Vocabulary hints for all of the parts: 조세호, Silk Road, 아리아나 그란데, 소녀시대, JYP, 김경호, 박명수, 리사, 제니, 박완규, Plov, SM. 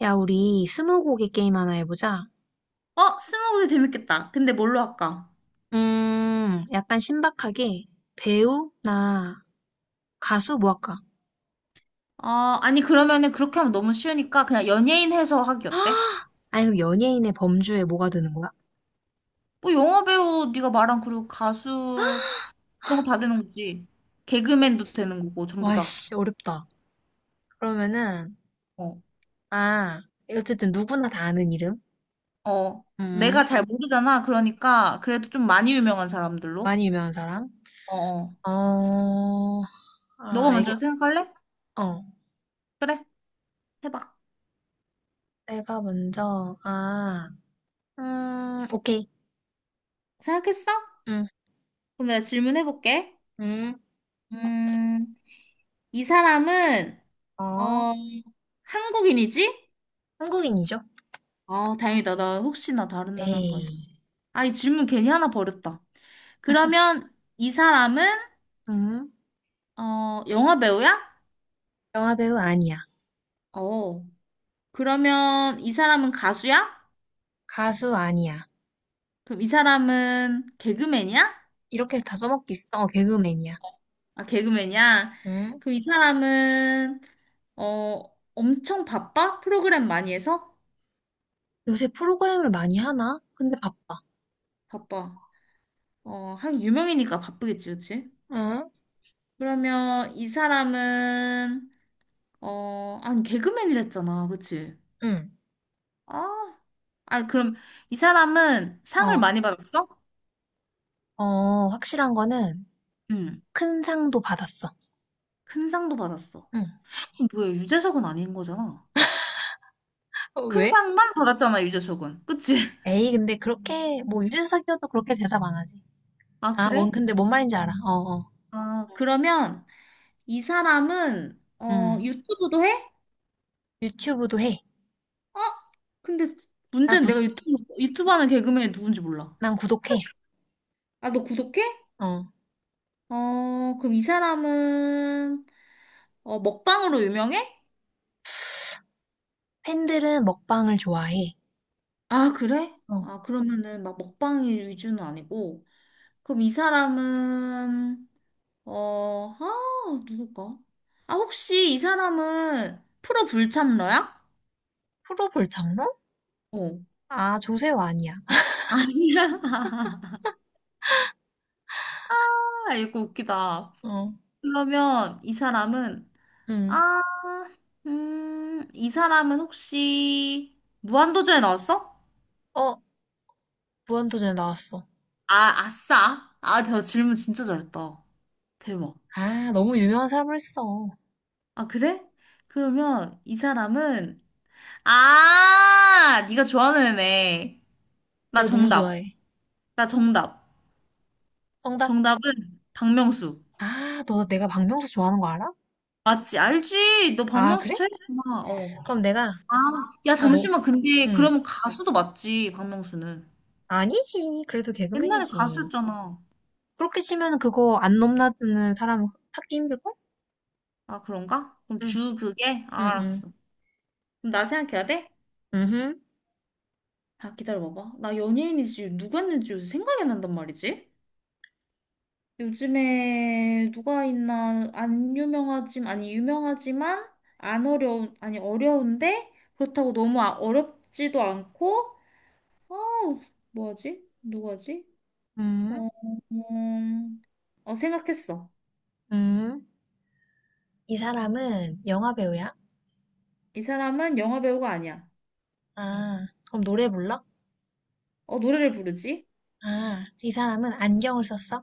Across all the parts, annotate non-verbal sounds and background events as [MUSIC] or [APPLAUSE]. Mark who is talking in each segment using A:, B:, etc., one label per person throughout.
A: 야, 우리 스무고개 게임 하나 해보자.
B: 스무고개 재밌겠다. 근데 뭘로 할까?
A: 약간 신박하게 배우나 가수 뭐 할까?
B: 아, 아니 그러면은 그렇게 하면 너무 쉬우니까 그냥 연예인 해서 하기 어때?
A: [GASPS] 아니, 그럼 연예인의 범주에 뭐가 드는 거야?
B: 뭐 영화 배우 네가 말한 그리고 가수 이런 거 다 되는 거지. 개그맨도 되는 거고 전부
A: 와,
B: 다.
A: 씨, 어렵다. 그러면은,
B: 어.
A: 아, 어쨌든 누구나 다 아는 이름?
B: 어.
A: 음,
B: 내가 잘 모르잖아. 그러니까 그래도 좀 많이 유명한 사람들로.
A: 많이 유명한 사람?
B: 어. 어.
A: 어, 아,
B: 너가 먼저 생각할래?
A: 어.
B: 그래. 해봐.
A: 내가 먼저, 아, 오케이.
B: 생각했어?
A: 음,
B: 그럼 내가 질문해 볼게.
A: 음,
B: 음, 이 사람은
A: 어,
B: 어, 한국인이지?
A: 한국인이죠?
B: 아, 다행이다. 나 혹시나 다른 나라인가
A: 네.
B: 했어. 아, 이 질문 괜히 하나 버렸다. 그러면 이 사람은
A: 음,
B: 영화 배우야?
A: 영화배우 아니야.
B: 어. 그러면 이 사람은 가수야?
A: 가수 아니야.
B: 그럼 이 사람은 개그맨이야?
A: 이렇게 다 써먹겠어. 어, 개그맨이야.
B: 아, 개그맨이야?
A: 응?
B: 그럼 이 사람은 엄청 바빠? 프로그램 많이 해서?
A: 요새 프로그램을 많이 하나? 근데 바빠.
B: 바빠. 한 유명이니까 바쁘겠지, 그치?
A: 응?
B: 그러면 이 사람은 아니, 개그맨이랬잖아, 그치?
A: 응.
B: 아 그럼 이 사람은 상을
A: 어,
B: 많이 받았어?
A: 어, 확실한 거는
B: 응.
A: 큰 상도 받았어.
B: 큰 상도 받았어.
A: 응.
B: 그럼 뭐야, 유재석은 아닌 거잖아.
A: 어,
B: 큰
A: 왜?
B: 상만 받았잖아, 유재석은. 그치? [LAUGHS]
A: 에이, 근데 그렇게, 뭐, 유재석이어도 그렇게 대답 안 하지.
B: 아,
A: 아,
B: 그래?
A: 근데 뭔 말인지 알아. 어, 어.
B: 아, 그러면 이 사람은
A: 응.
B: 유튜브도 해?
A: 유튜브도 해.
B: 어? 근데
A: 나
B: 문제는
A: 구,
B: 내가 유튜브 하는 개그맨이 누군지 몰라.
A: 난 구독해.
B: 아, 너 구독해?
A: 어.
B: 어, 그럼 이 사람은 먹방으로 유명해?
A: 팬들은 먹방을 좋아해.
B: 아, 그래?
A: 어.
B: 아, 그러면은 막 먹방 위주는 아니고. 그럼 이 사람은 어, 아, 누굴까? 아, 혹시 이 사람은 프로 불참러야?
A: 프로 불장로?
B: 어.
A: 아, 조세호 아니야. [LAUGHS]
B: 아니야. [LAUGHS] 아, 이거 웃기다.
A: 어.
B: 그러면
A: 응.
B: 아, 이 사람은 혹시 무한도전에 나왔어?
A: 어, 무한도전에 나왔어.
B: 아, 아싸. 아, 나 질문 진짜 잘했다. 대박.
A: 아, 너무 유명한 사람을 했어.
B: 아, 그래? 그러면 이 사람은 네가 좋아하는 애네. 나
A: 내가 누구
B: 정답.
A: 좋아해?
B: 나 정답.
A: 정답.
B: 정답은 박명수.
A: 아, 너 내가 박명수 좋아하는 거 알아?
B: 맞지? 알지? 너
A: 아,
B: 박명수
A: 그래?
B: 최애구나. 어.
A: 그럼 내가,
B: 아, 야,
A: 아, 너,
B: 잠시만. 근데
A: 응.
B: 그러면 가수도 맞지, 박명수는.
A: 아니지. 그래도
B: 옛날에
A: 개그맨이지.
B: 가수였잖아.
A: 그렇게 치면 그거 안 넘나드는 사람 찾기 힘들걸?
B: 아, 그런가? 그럼
A: 응,
B: 주 그게? 아,
A: 응, 응.
B: 알았어. 그럼 나 생각해야 돼?
A: 응,
B: 아, 기다려봐봐. 나 연예인이지 누구였는지 요새 생각이 안 난단 말이지? 요즘에 누가 있나 안 유명하지만 아니 유명하지만 안 어려운 아니 어려운데 그렇다고 너무 어렵지도 않고 어, 뭐지? 누구지?
A: 응,
B: 어, 음, 생각했어.
A: 응. 이 사람은 영화 배우야?
B: 이 사람은 영화 배우가 아니야.
A: 아, 그럼 노래 불러?
B: 노래를 부르지?
A: 아, 이 사람은 안경을 썼어?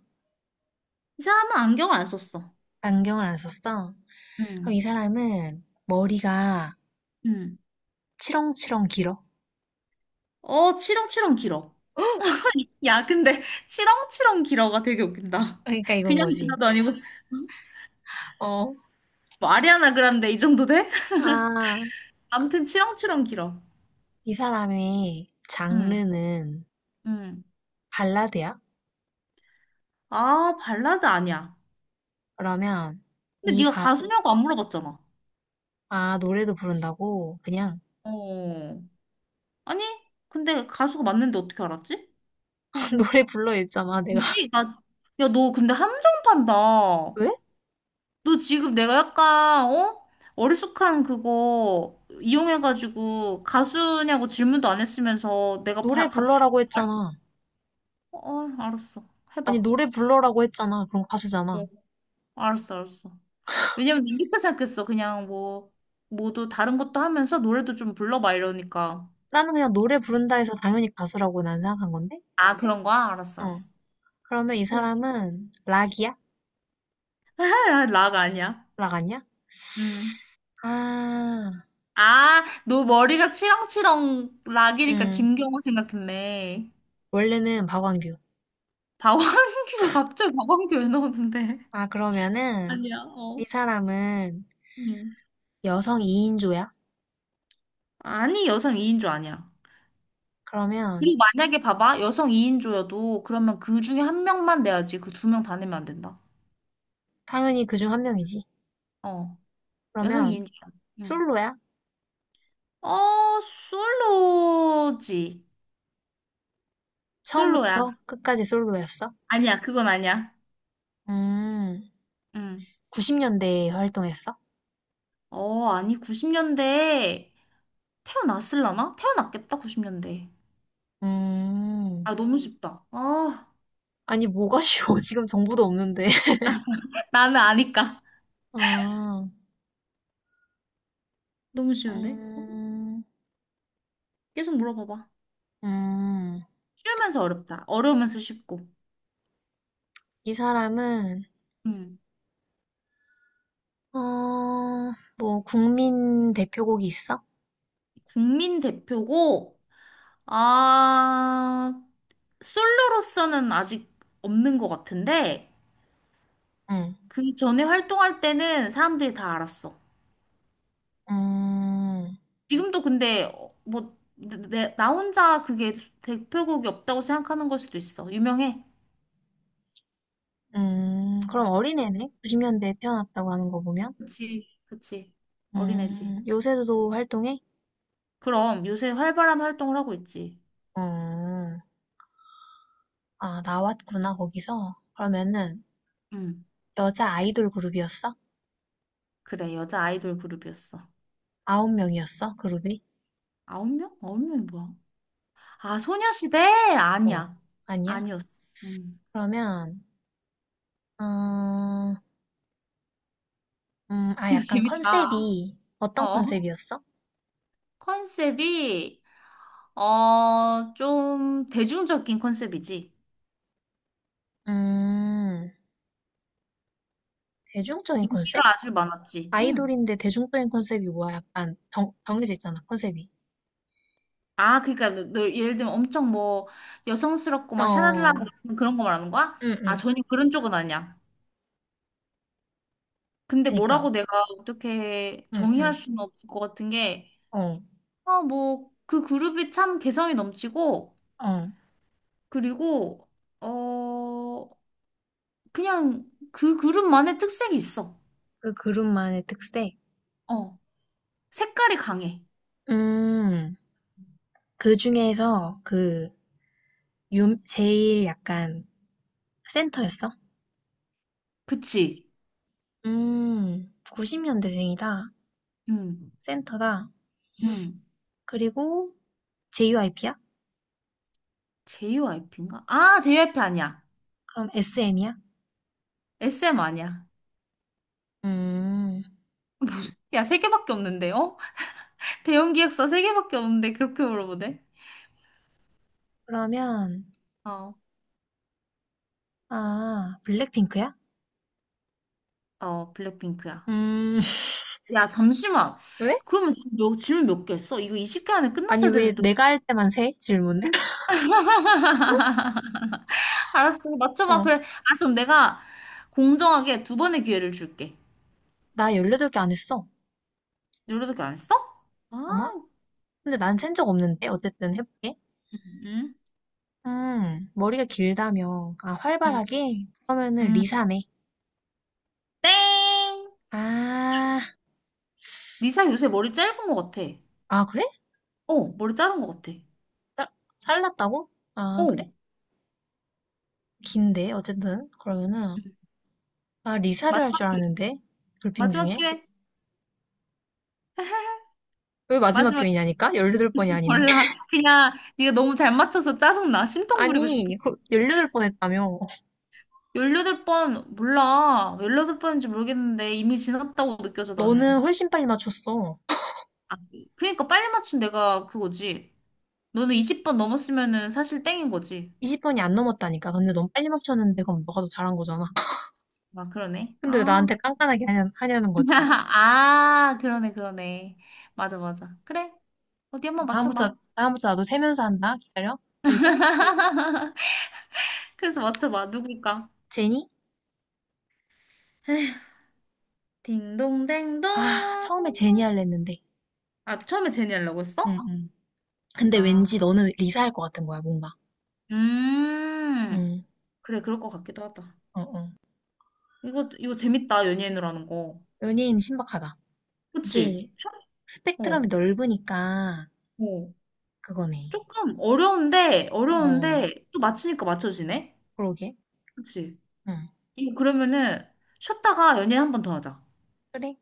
B: 이 사람은 안경을 안 썼어.
A: 안경을 안 썼어?
B: 응
A: 그럼 이 사람은 머리가
B: 응
A: 치렁치렁 길어?
B: 어, 치렁치렁 길어. 야, 근데 [LAUGHS] 치렁치렁 길어가 되게 웃긴다.
A: 그러니까
B: [LAUGHS]
A: 이건
B: 그냥
A: 거지.
B: 길어도 아니고 [LAUGHS]
A: 어,
B: 뭐 아리아나 그란데 이 정도 돼?
A: 아,
B: [LAUGHS] 아무튼 치렁치렁 길어.
A: 이 사람의
B: 응,
A: 장르는
B: 응.
A: 발라드야?
B: 아, 발라드 아니야.
A: 그러면
B: 근데
A: 이
B: 네가
A: 가,
B: 가수냐고 안 물어봤잖아.
A: 아, 노래도 부른다고? 그냥
B: 어. 아니, 근데 가수가 맞는데 어떻게 알았지?
A: [LAUGHS] 노래 불러 했잖아, 내가. [LAUGHS]
B: 뭐지? 야, 너 근데 함정 판다.
A: 왜?
B: 너 지금 내가 약간, 어? 어리숙한 그거 이용해가지고 가수냐고 질문도 안 했으면서 내가
A: 노래
B: 갑자기,
A: 불러라고 했잖아.
B: 어, 알았어.
A: 아니,
B: 해봐.
A: 노래 불러라고 했잖아. 그럼 가수잖아.
B: 어, 알았어, 알았어. 왜냐면 난 이렇게 생각했어. 그냥 뭐, 뭐도 다른 것도 하면서 노래도 좀 불러봐 이러니까.
A: 나는 그냥 노래 부른다 해서 당연히 가수라고 난 생각한 건데?
B: 아, 그런 거야? 알았어,
A: 어.
B: 알았어.
A: 그러면 이
B: 그래. [LAUGHS]
A: 사람은 락이야?
B: 아, 락 아니야.
A: 락 아니야?
B: 음.
A: 아,
B: 아, 너 머리가 치렁치렁 락이니까
A: 음.
B: 김경호 생각했네.
A: 원래는 박완규.
B: 박완규, [LAUGHS] 갑자기 박완규 왜 나오는데?
A: 아, 그러면은
B: 아니야,
A: 이
B: 어.
A: 사람은
B: 응.
A: 여성 2인조야?
B: 아니, 여성 2인조 아니야.
A: 그러면
B: 그리고 만약에 봐봐, 여성 2인조여도 그러면 그 중에 한 명만 내야지. 그 두 명 다 내면 안 된다.
A: 당연히 그 중 한 명이지.
B: 어, 여성
A: 그러면
B: 2인조야. 응.
A: 솔로야?
B: 어, 솔로지. 솔로야.
A: 처음부터 끝까지 솔로였어?
B: 아니야, 그건 아니야.
A: 음,
B: 응.
A: 90년대에 활동했어?
B: 아니, 90년대 태어났을라나? 태어났겠다, 90년대.
A: 음,
B: 아, 너무 쉽다. 아,
A: 아니 뭐가 쉬워? [LAUGHS] 지금 정보도 없는데. [LAUGHS]
B: 나는 아니까.
A: 아,
B: 너무 쉬운데?
A: 음,
B: 계속 물어봐봐.
A: 음,
B: 쉬우면서 어렵다. 어려우면서 쉽고.
A: 이 사람은
B: 음.
A: 어, 뭐 국민 대표곡이 있어?
B: 국민 대표고, 아, 솔로로서는 아직 없는 것 같은데,
A: 응,
B: 그 전에 활동할 때는 사람들이 다 알았어.
A: 음,
B: 지금도 근데 나 혼자 그게 대표곡이 없다고 생각하는 걸 수도 있어. 유명해.
A: 그럼 어린애네? 90년대에 태어났다고 하는 거 보면?
B: 그치, 그치. 어린애지.
A: 요새도 활동해?
B: 그럼 요새 활발한 활동을 하고 있지.
A: 음, 아, 나왔구나, 거기서. 그러면은,
B: 음.
A: 여자 아이돌 그룹이었어?
B: 그래, 여자 아이돌 그룹이었어.
A: 아홉 명이었어, 그룹이?
B: 아홉 명? 아홉 명이 뭐야? 아, 소녀시대?
A: 어,
B: 아니야.
A: 아니야?
B: 아니었어. 음.
A: 그러면, 음,
B: [LAUGHS]
A: 아,
B: 이거
A: 약간
B: 재밌다.
A: 컨셉이, 어떤
B: 어.
A: 컨셉이었어?
B: 컨셉이 좀 대중적인 컨셉이지.
A: 음, 대중적인 컨셉?
B: 인기가 아주 많았지. 응.
A: 아이돌인데 대중적인 컨셉이 뭐야? 약간 정해져 있잖아, 컨셉이.
B: 아, 그러니까 너 예를 들면 엄청 뭐 여성스럽고 막 샤랄라
A: 어,
B: 그런 거 말하는 거야?
A: 응,
B: 아,
A: 응.
B: 전혀 그런 쪽은 아니야. 근데
A: 그니까,
B: 뭐라고 내가 어떻게
A: 응,
B: 정의할
A: 응.
B: 수는 없을 것 같은 게,
A: 어,
B: 그 그룹이 참 개성이 넘치고,
A: 어.
B: 그리고 어 그냥 그 그룹만의 특색이 있어.
A: 그 그룹만의 특색?
B: 어 색깔이 강해.
A: 음, 그 중에서 그, 제일 약간 센터였어.
B: 그치?
A: 90년대생이다.
B: 음,
A: 센터다.
B: 음.
A: 그리고 JYP야?
B: JYP인가? JYP 아니야.
A: 그럼 SM이야?
B: SM 아니야.
A: 음,
B: 야 세 개밖에 없는데 어? [LAUGHS] 대형 기획사 세 개밖에 없는데 그렇게 물어보네?
A: 그러면,
B: 어,
A: 아, 블랙핑크야?
B: 어 블랙핑크야.
A: 음, [LAUGHS]
B: 야 잠시만.
A: 왜?
B: 그러면 지금 너 질문 몇 개 했어? 이거 20개 안에
A: 아니,
B: 끝났어야
A: 왜
B: 되는데.
A: 내가 할 때만 세? 질문을? [LAUGHS]
B: [LAUGHS] 알았어 맞춰봐.
A: 어,
B: 그래. 알았어 그럼 내가 공정하게 두 번의 기회를 줄게.
A: 나 18개 안 했어.
B: 요리도끼 안 써? 아,
A: 아마? 근데 난 센 적 없는데? 어쨌든 해볼게.
B: 응,
A: 머리가 길다며. 아,
B: 응,
A: 활발하게? 그러면은
B: 응.
A: 리사네.
B: 땡!
A: 아,
B: 리사 요새 머리 짧은 것 같아.
A: 아, 그래?
B: 어, 머리 자른 것 같아.
A: 살- 살랐다고? 아,
B: 어,
A: 그래? 긴데 어쨌든 그러면은 아 리사를 할 줄
B: 마지막 기회.
A: 알았는데 돌핑
B: 마지막
A: 중에
B: 기회.
A: 왜 마지막
B: 마지막 기회.
A: 교인이냐니까? 18번이
B: [LAUGHS]
A: 아닌데
B: 몰라.
A: [LAUGHS]
B: 그냥 네가 너무 잘 맞춰서 짜증나. 심통 부리고
A: 아니
B: 싶어.
A: 열여 18번 했다며
B: 열여덟 번 몰라. 18번인지 모르겠는데 이미 지났다고 느껴져, 나는.
A: 너는 훨씬 빨리 맞췄어
B: 아, 그니까 빨리 맞춘 내가 그거지. 너는 20번 넘었으면은 사실 땡인 거지.
A: 20번이 안 넘었다니까 근데 너무 빨리 맞췄는데 그럼 너가 더 잘한 거잖아
B: 아, 그러네.
A: 근데 왜
B: 아,
A: 나한테 깐깐하게 하냐, 하냐는 거지
B: [LAUGHS] 아, 그러네, 그러네. 맞아, 맞아. 그래. 어디 한번
A: 다음부터
B: 맞춰봐.
A: 다음부터 나도 세면서 한다 기다려 그리고
B: 그래서 맞춰봐. 누굴까?
A: 제니?
B: 딩동댕동.
A: 아 처음에 제니 할랬 했는데
B: 아, 처음에 제니 하려고
A: 응, 어?
B: 했어?
A: 응. 근데
B: 아,
A: 왠지 너는 리사 할 것 같은 거야 뭔가
B: 음.
A: 응
B: 그래, 그럴 것 같기도 하다.
A: 어, 어.
B: 이거 재밌다. 연예인으로 하는 거.
A: 연예인 신박하다
B: 그치?
A: 이게
B: 어,
A: 스펙트럼이 넓으니까
B: 어.
A: 그거네.
B: 조금 어려운데,
A: 어,
B: 또 맞추니까 맞춰지네?
A: 그러게.
B: 그치?
A: 응.
B: 이거 그러면은, 쉬었다가 연예인 한 번 더 하자.
A: 그래.